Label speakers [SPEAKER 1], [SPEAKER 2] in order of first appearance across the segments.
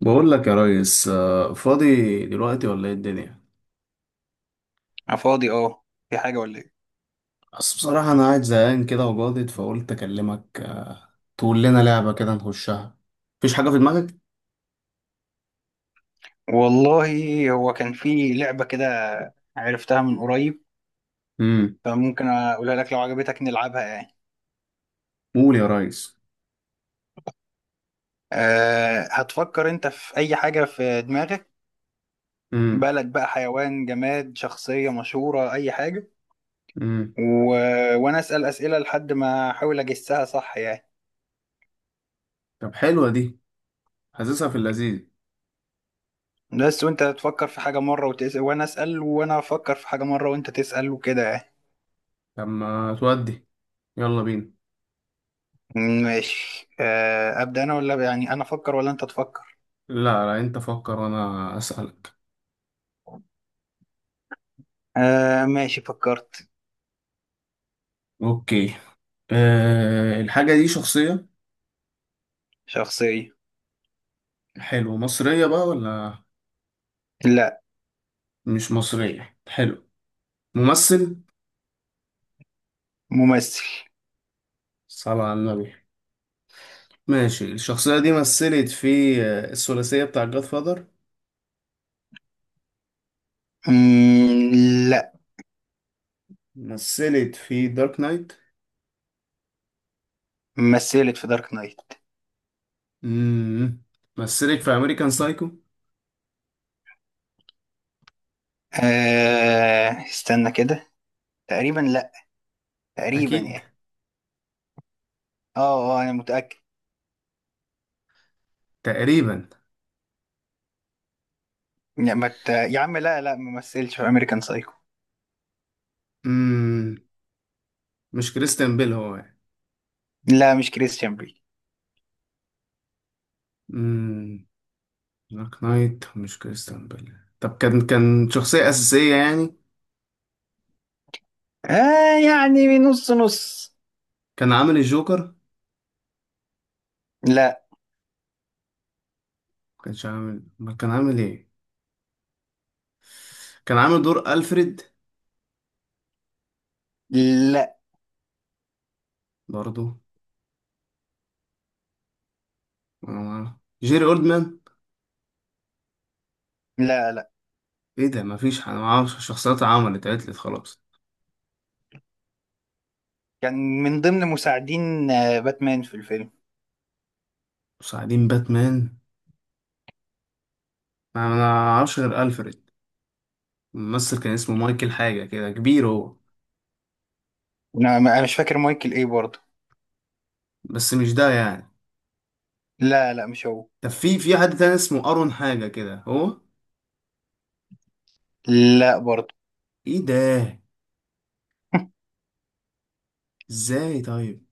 [SPEAKER 1] بقول لك يا ريس فاضي دلوقتي ولا ايه الدنيا؟
[SPEAKER 2] أنا فاضي، اه. في حاجة ولا ايه؟
[SPEAKER 1] بس بصراحة انا قاعد زهقان كده وجاضد فقلت اكلمك. تقول لنا لعبة كده نخشها؟ مفيش حاجة في دماغك؟
[SPEAKER 2] والله هو كان في لعبة كده، عرفتها من قريب،
[SPEAKER 1] امم
[SPEAKER 2] فممكن اقولها لك لو عجبتك نلعبها يعني.
[SPEAKER 1] قول يا ريس.
[SPEAKER 2] هتفكر انت في اي حاجة في دماغك؟
[SPEAKER 1] امم
[SPEAKER 2] بلد بقى، حيوان، جماد، شخصية مشهورة، اي حاجة.
[SPEAKER 1] امم
[SPEAKER 2] و... وانا اسأل اسئلة لحد ما احاول اجسها صح يعني.
[SPEAKER 1] طب حلوة دي، حاسسها في اللذيذ.
[SPEAKER 2] بس وانت تفكر في حاجة مرة وتسأل، وانا اسأل، وانا افكر في حاجة مرة وانت تسأل وكده يعني.
[SPEAKER 1] طب ما تودي، يلا بينا.
[SPEAKER 2] ماشي، ابدأ انا ولا، يعني، انا افكر ولا انت تفكر؟
[SPEAKER 1] لا، انت فكر وانا اسألك.
[SPEAKER 2] آه، ماشي، فكرت.
[SPEAKER 1] اوكي، الحاجة دي شخصية؟
[SPEAKER 2] شخصية.
[SPEAKER 1] حلو، مصرية بقى ولا؟
[SPEAKER 2] لا.
[SPEAKER 1] مش مصرية، حلو. ممثل؟
[SPEAKER 2] ممثل.
[SPEAKER 1] صلى على النبي. ماشي، الشخصية دي مثلت في الثلاثية بتاع جاد فاذر؟
[SPEAKER 2] مم، لا.
[SPEAKER 1] مثلت في دارك نايت.
[SPEAKER 2] مثلت في دارك نايت.
[SPEAKER 1] مم. مثلت في أمريكان سايكو.
[SPEAKER 2] آه، استنى كده. تقريبا لا. تقريبا
[SPEAKER 1] أكيد.
[SPEAKER 2] يعني. اه انا متأكد.
[SPEAKER 1] تقريبا.
[SPEAKER 2] لا، ما مت... يا عم، لا، لا، ما مثلش في امريكان سايكو.
[SPEAKER 1] مم. مش كريستيان بيل هو يعني.
[SPEAKER 2] لا، مش كريستيان بيل.
[SPEAKER 1] مم. دارك نايت مش كريستيان بيل. طب كان شخصية أساسية يعني؟
[SPEAKER 2] آه، يعني نص نص.
[SPEAKER 1] كان عامل الجوكر؟
[SPEAKER 2] لا،
[SPEAKER 1] ما كانش عامل، ما كان عامل إيه؟ كان عامل دور ألفريد؟
[SPEAKER 2] لا،
[SPEAKER 1] برضو؟ أنا ما أعرف. جيري أولدمان؟
[SPEAKER 2] لا، لا.
[SPEAKER 1] إيه ده؟ مفيش، أنا معرفش الشخصيات، عملت عتلت خلاص.
[SPEAKER 2] كان من ضمن مساعدين باتمان في الفيلم.
[SPEAKER 1] مساعدين باتمان؟ انا ما اعرفش غير الفريد. الممثل كان اسمه مايكل حاجه كده، كبير هو.
[SPEAKER 2] أنا مش فاكر مايكل ايه برضه.
[SPEAKER 1] بس مش ده يعني.
[SPEAKER 2] لا، لا، مش هو.
[SPEAKER 1] طب في حد تاني اسمه ارون حاجه كده هو؟
[SPEAKER 2] لا برضه.
[SPEAKER 1] ايه ده، ازاي؟ طيب.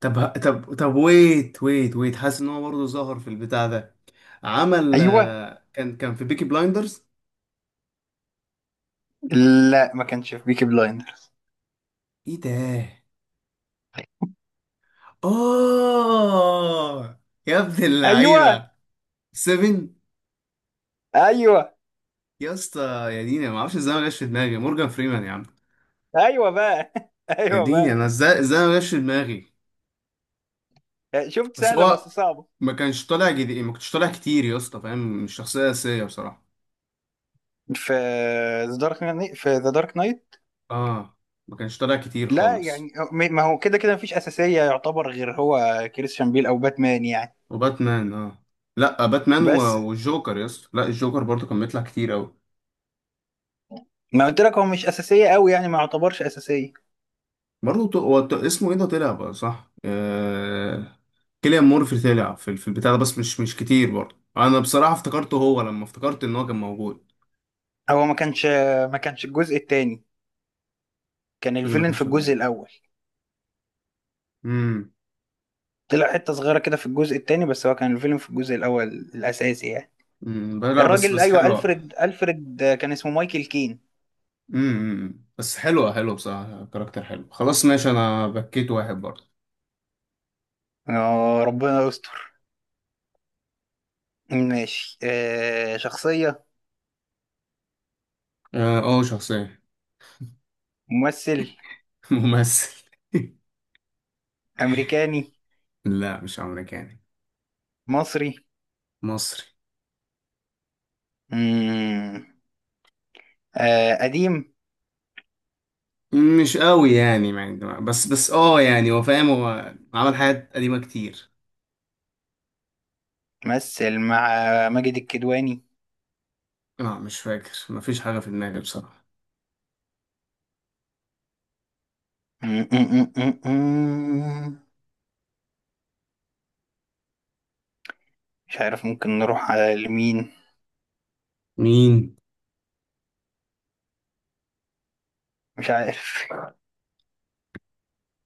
[SPEAKER 1] طب طب ويت، حاسس ان هو برضه ظهر في البتاع ده. عمل،
[SPEAKER 2] ايوه.
[SPEAKER 1] كان في بيكي بلايندرز.
[SPEAKER 2] لا، ما كانش في بيكي بلايندر.
[SPEAKER 1] ايه ده، اه، يا ابن
[SPEAKER 2] ايوه
[SPEAKER 1] اللعيبه. سيفن.
[SPEAKER 2] ايوه.
[SPEAKER 1] يا اسطى، يا دينا ما اعرفش ازاي ما جاش في دماغي مورجان فريمان يا عم.
[SPEAKER 2] ايوه بقى.
[SPEAKER 1] يا
[SPEAKER 2] ايوه
[SPEAKER 1] ديني
[SPEAKER 2] بقى.
[SPEAKER 1] انا، ازاي ما جاش في دماغي.
[SPEAKER 2] شفت؟
[SPEAKER 1] بس
[SPEAKER 2] سهله بس
[SPEAKER 1] هو
[SPEAKER 2] صعبه.
[SPEAKER 1] ما كانش طالع جديد، ما كنتش طالع كتير يا اسطى فاهم، مش شخصيه اساسيه بصراحه.
[SPEAKER 2] في في ذا دارك نايت.
[SPEAKER 1] اه، ما كانش طالع كتير
[SPEAKER 2] لا يعني،
[SPEAKER 1] خالص.
[SPEAKER 2] ما هو كده كده مفيش اساسيه، يعتبر غير هو كريستيان بيل او باتمان يعني.
[SPEAKER 1] وباتمان اه. لا باتمان
[SPEAKER 2] بس
[SPEAKER 1] والجوكر يا اسطى، لا الجوكر برضه كان بيطلع كتير قوي.
[SPEAKER 2] ما قلت لك هو مش اساسيه قوي، يعني ما يعتبرش اساسيه.
[SPEAKER 1] برضه هو اسمه ايه ده، طلع بقى صح، كيليان مورفي طلع في، في البتاع ده بس مش كتير برضه. انا بصراحه افتكرته هو لما افتكرت ان هو كان موجود.
[SPEAKER 2] هو ما كانش الجزء الثاني. كان
[SPEAKER 1] ايه، ما
[SPEAKER 2] الفيلن في
[SPEAKER 1] كانش
[SPEAKER 2] الجزء
[SPEAKER 1] موجود.
[SPEAKER 2] الاول.
[SPEAKER 1] امم
[SPEAKER 2] طلع حته صغيره كده في الجزء الثاني، بس هو كان الفيلن في الجزء الاول الاساسي يعني.
[SPEAKER 1] أمم، لا بس
[SPEAKER 2] الراجل،
[SPEAKER 1] بس
[SPEAKER 2] ايوه،
[SPEAKER 1] حلوه.
[SPEAKER 2] الفريد كان اسمه مايكل كين.
[SPEAKER 1] بس حلوة بصراحة، كاركتر حلو. خلاص ماشي، انا بكيت واحد برضه.
[SPEAKER 2] آه، ربنا يستر. ماشي، شخصية.
[SPEAKER 1] اه، شخصية.
[SPEAKER 2] ممثل.
[SPEAKER 1] ممثل.
[SPEAKER 2] أمريكاني.
[SPEAKER 1] لا مش امريكاني،
[SPEAKER 2] مصري.
[SPEAKER 1] مصري.
[SPEAKER 2] مم. آه، قديم.
[SPEAKER 1] مش قوي يعني، بس اه يعني هو فاهم، هو عمل حاجات قديمة كتير.
[SPEAKER 2] مثل مع ماجد الكدواني.
[SPEAKER 1] لا مش فاكر، مفيش حاجة في دماغي بصراحة.
[SPEAKER 2] مم، مم، مم، مم. مش عارف، ممكن نروح على لمين؟
[SPEAKER 1] مين؟
[SPEAKER 2] مش عارف.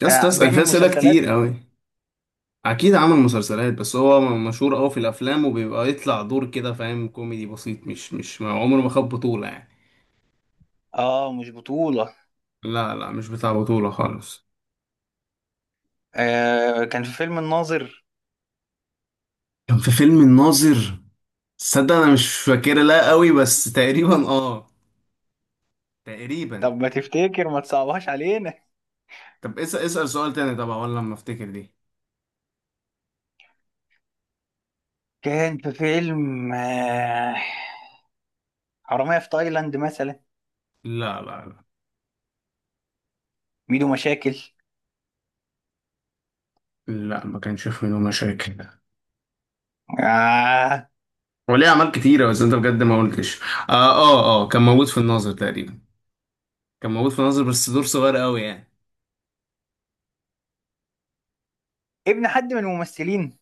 [SPEAKER 1] يا اسطى
[SPEAKER 2] آه،
[SPEAKER 1] اسأل فيها
[SPEAKER 2] بيعمل
[SPEAKER 1] اسئلة كتير
[SPEAKER 2] مسلسلات.
[SPEAKER 1] قوي. اكيد عمل مسلسلات، بس هو مشهور قوي في الافلام، وبيبقى يطلع دور كده فاهم، كوميدي بسيط، مش مش ما- عمره ما خد بطولة يعني.
[SPEAKER 2] اه، مش بطولة.
[SPEAKER 1] لا، مش بتاع بطولة خالص.
[SPEAKER 2] آه، كان في فيلم الناظر.
[SPEAKER 1] كان في فيلم الناظر؟ صدق انا مش فاكرة لا قوي، بس تقريبا اه، تقريبا.
[SPEAKER 2] طب ما تفتكر؟ ما تصعبهاش علينا.
[SPEAKER 1] طب اسأل سؤال تاني طبعا، ولا لما افتكر دي؟
[SPEAKER 2] كان في فيلم حرامية في تايلاند مثلا.
[SPEAKER 1] لا،
[SPEAKER 2] ميدو مشاكل.
[SPEAKER 1] لا ما كانش في منه مشاكل.
[SPEAKER 2] آه.
[SPEAKER 1] وليه اعمال كتيرة بس انت بجد ما قلتش. اه، كان موجود في الناظر تقريبا. كان موجود في الناظر بس دور صغير قوي يعني.
[SPEAKER 2] ابن حد من الممثلين؟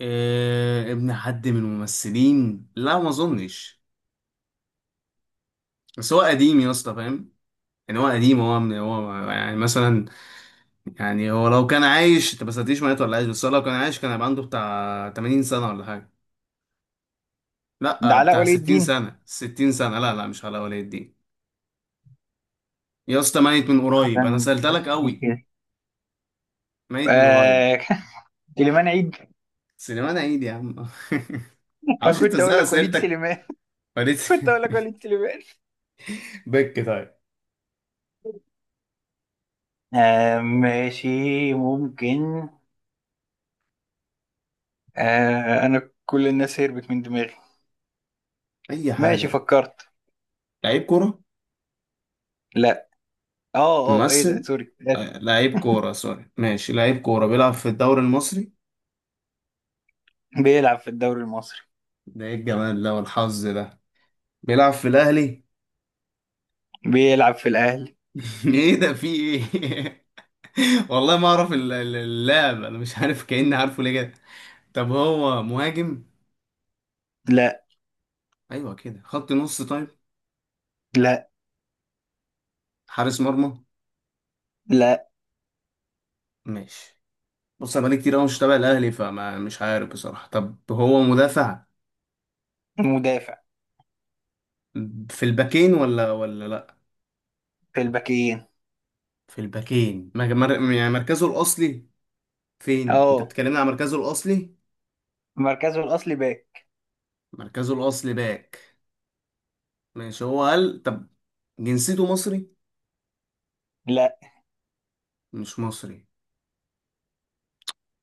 [SPEAKER 1] آه ابن حد من الممثلين؟ لا ما اظنش. بس هو قديم يا اسطى فاهم. يعني هو قديم، هو من هو يعني مثلا. يعني هو لو كان عايش، انت ما سألتنيش مات ولا عايش، بس هو لو كان عايش كان هيبقى عنده بتاع 80 سنة ولا حاجة.
[SPEAKER 2] ده
[SPEAKER 1] لا
[SPEAKER 2] علاء
[SPEAKER 1] بتاع
[SPEAKER 2] ولي
[SPEAKER 1] 60
[SPEAKER 2] الدين؟
[SPEAKER 1] سنة، 60 سنة، لا لا مش على ولي الدين. يا اسطى ميت من قريب، انا
[SPEAKER 2] عشان
[SPEAKER 1] سألت
[SPEAKER 2] بس
[SPEAKER 1] لك
[SPEAKER 2] دي
[SPEAKER 1] قوي.
[SPEAKER 2] كده.
[SPEAKER 1] ميت من قريب.
[SPEAKER 2] آه. سليمان عيد.
[SPEAKER 1] سليمان عيد يا عم.
[SPEAKER 2] أنا
[SPEAKER 1] معرفش انت
[SPEAKER 2] كنت أقول
[SPEAKER 1] ازاي
[SPEAKER 2] لك وليد
[SPEAKER 1] اسئلتك.
[SPEAKER 2] سليمان.
[SPEAKER 1] فريت.
[SPEAKER 2] كنت أقول لك وليد سليمان.
[SPEAKER 1] بك طيب.
[SPEAKER 2] آه. ماشي. ممكن. آه. أنا كل الناس هربت من دماغي.
[SPEAKER 1] اي
[SPEAKER 2] ماشي،
[SPEAKER 1] حاجة.
[SPEAKER 2] فكرت.
[SPEAKER 1] لعيب كورة؟
[SPEAKER 2] لا. اه ايه ده؟
[SPEAKER 1] ممثل،
[SPEAKER 2] سوري، آسف.
[SPEAKER 1] لعيب كورة، سوري. ماشي، لعيب كورة بيلعب في الدوري المصري؟
[SPEAKER 2] بيلعب في الدوري المصري.
[SPEAKER 1] ده ايه الجمال ده والحظ ده! بيلعب في الاهلي؟
[SPEAKER 2] بيلعب في الأهلي.
[SPEAKER 1] ايه ده، في ايه؟ والله ما اعرف اللاعب، انا مش عارف كأني عارفه ليه كده. طب هو مهاجم؟
[SPEAKER 2] لا،
[SPEAKER 1] ايوه كده، خط نص طيب؟
[SPEAKER 2] لا،
[SPEAKER 1] حارس مرمى؟
[SPEAKER 2] لا.
[SPEAKER 1] ماشي. بص انا بقالي كتير قوي مش تابع الاهلي، فما مش عارف بصراحه. طب هو مدافع،
[SPEAKER 2] مدافع.
[SPEAKER 1] في الباكين ولا لا؟
[SPEAKER 2] في الباكين.
[SPEAKER 1] في الباكين يعني مركزه الاصلي فين؟ انت
[SPEAKER 2] اه،
[SPEAKER 1] بتكلمني عن مركزه الاصلي؟
[SPEAKER 2] مركزه الأصلي باك.
[SPEAKER 1] مركزه الاصلي باك. ماشي، هو قال طب. جنسيته مصري؟
[SPEAKER 2] لا.
[SPEAKER 1] مش مصري؟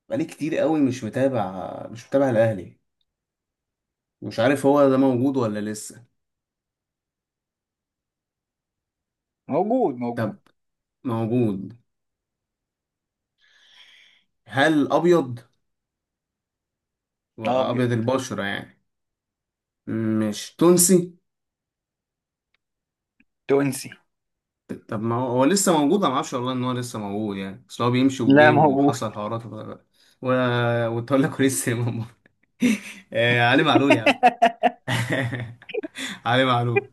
[SPEAKER 1] بقالي كتير قوي مش متابع الاهلي، مش عارف هو ده موجود ولا لسه.
[SPEAKER 2] موجود،
[SPEAKER 1] طب،
[SPEAKER 2] موجود.
[SPEAKER 1] موجود. هل ابيض،
[SPEAKER 2] أبيض.
[SPEAKER 1] وابيض البشرة يعني؟ مش تونسي؟
[SPEAKER 2] تونسي.
[SPEAKER 1] طب ما هو، هو لسه موجود؟ انا ما اعرفش والله ان هو لسه موجود يعني، بس هو بيمشي
[SPEAKER 2] لا،
[SPEAKER 1] وجه
[SPEAKER 2] موجود.
[SPEAKER 1] وحصل حوارات و... وتولى كويس يا ماما. علي معلول يا عم. علي معلول.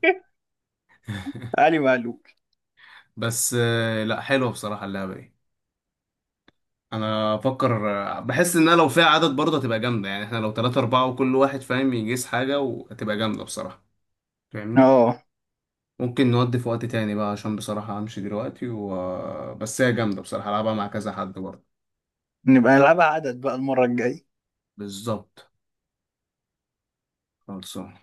[SPEAKER 2] علي معلول.
[SPEAKER 1] بس لا حلوه بصراحه اللعبه دي، انا افكر. بحس ان أنا لو فيها عدد برضه هتبقى جامده يعني، احنا لو 3 أربعة وكل واحد فاهم يجيس حاجه وهتبقى جامده بصراحه، فاهمني.
[SPEAKER 2] اه،
[SPEAKER 1] ممكن نودي في وقت تاني بقى عشان بصراحه همشي دلوقتي بس هي جامده بصراحه العبها مع كذا حد برضه.
[SPEAKER 2] نبقى نلعبها عدد بقى المرة الجاية.
[SPEAKER 1] بالظبط. خلصان.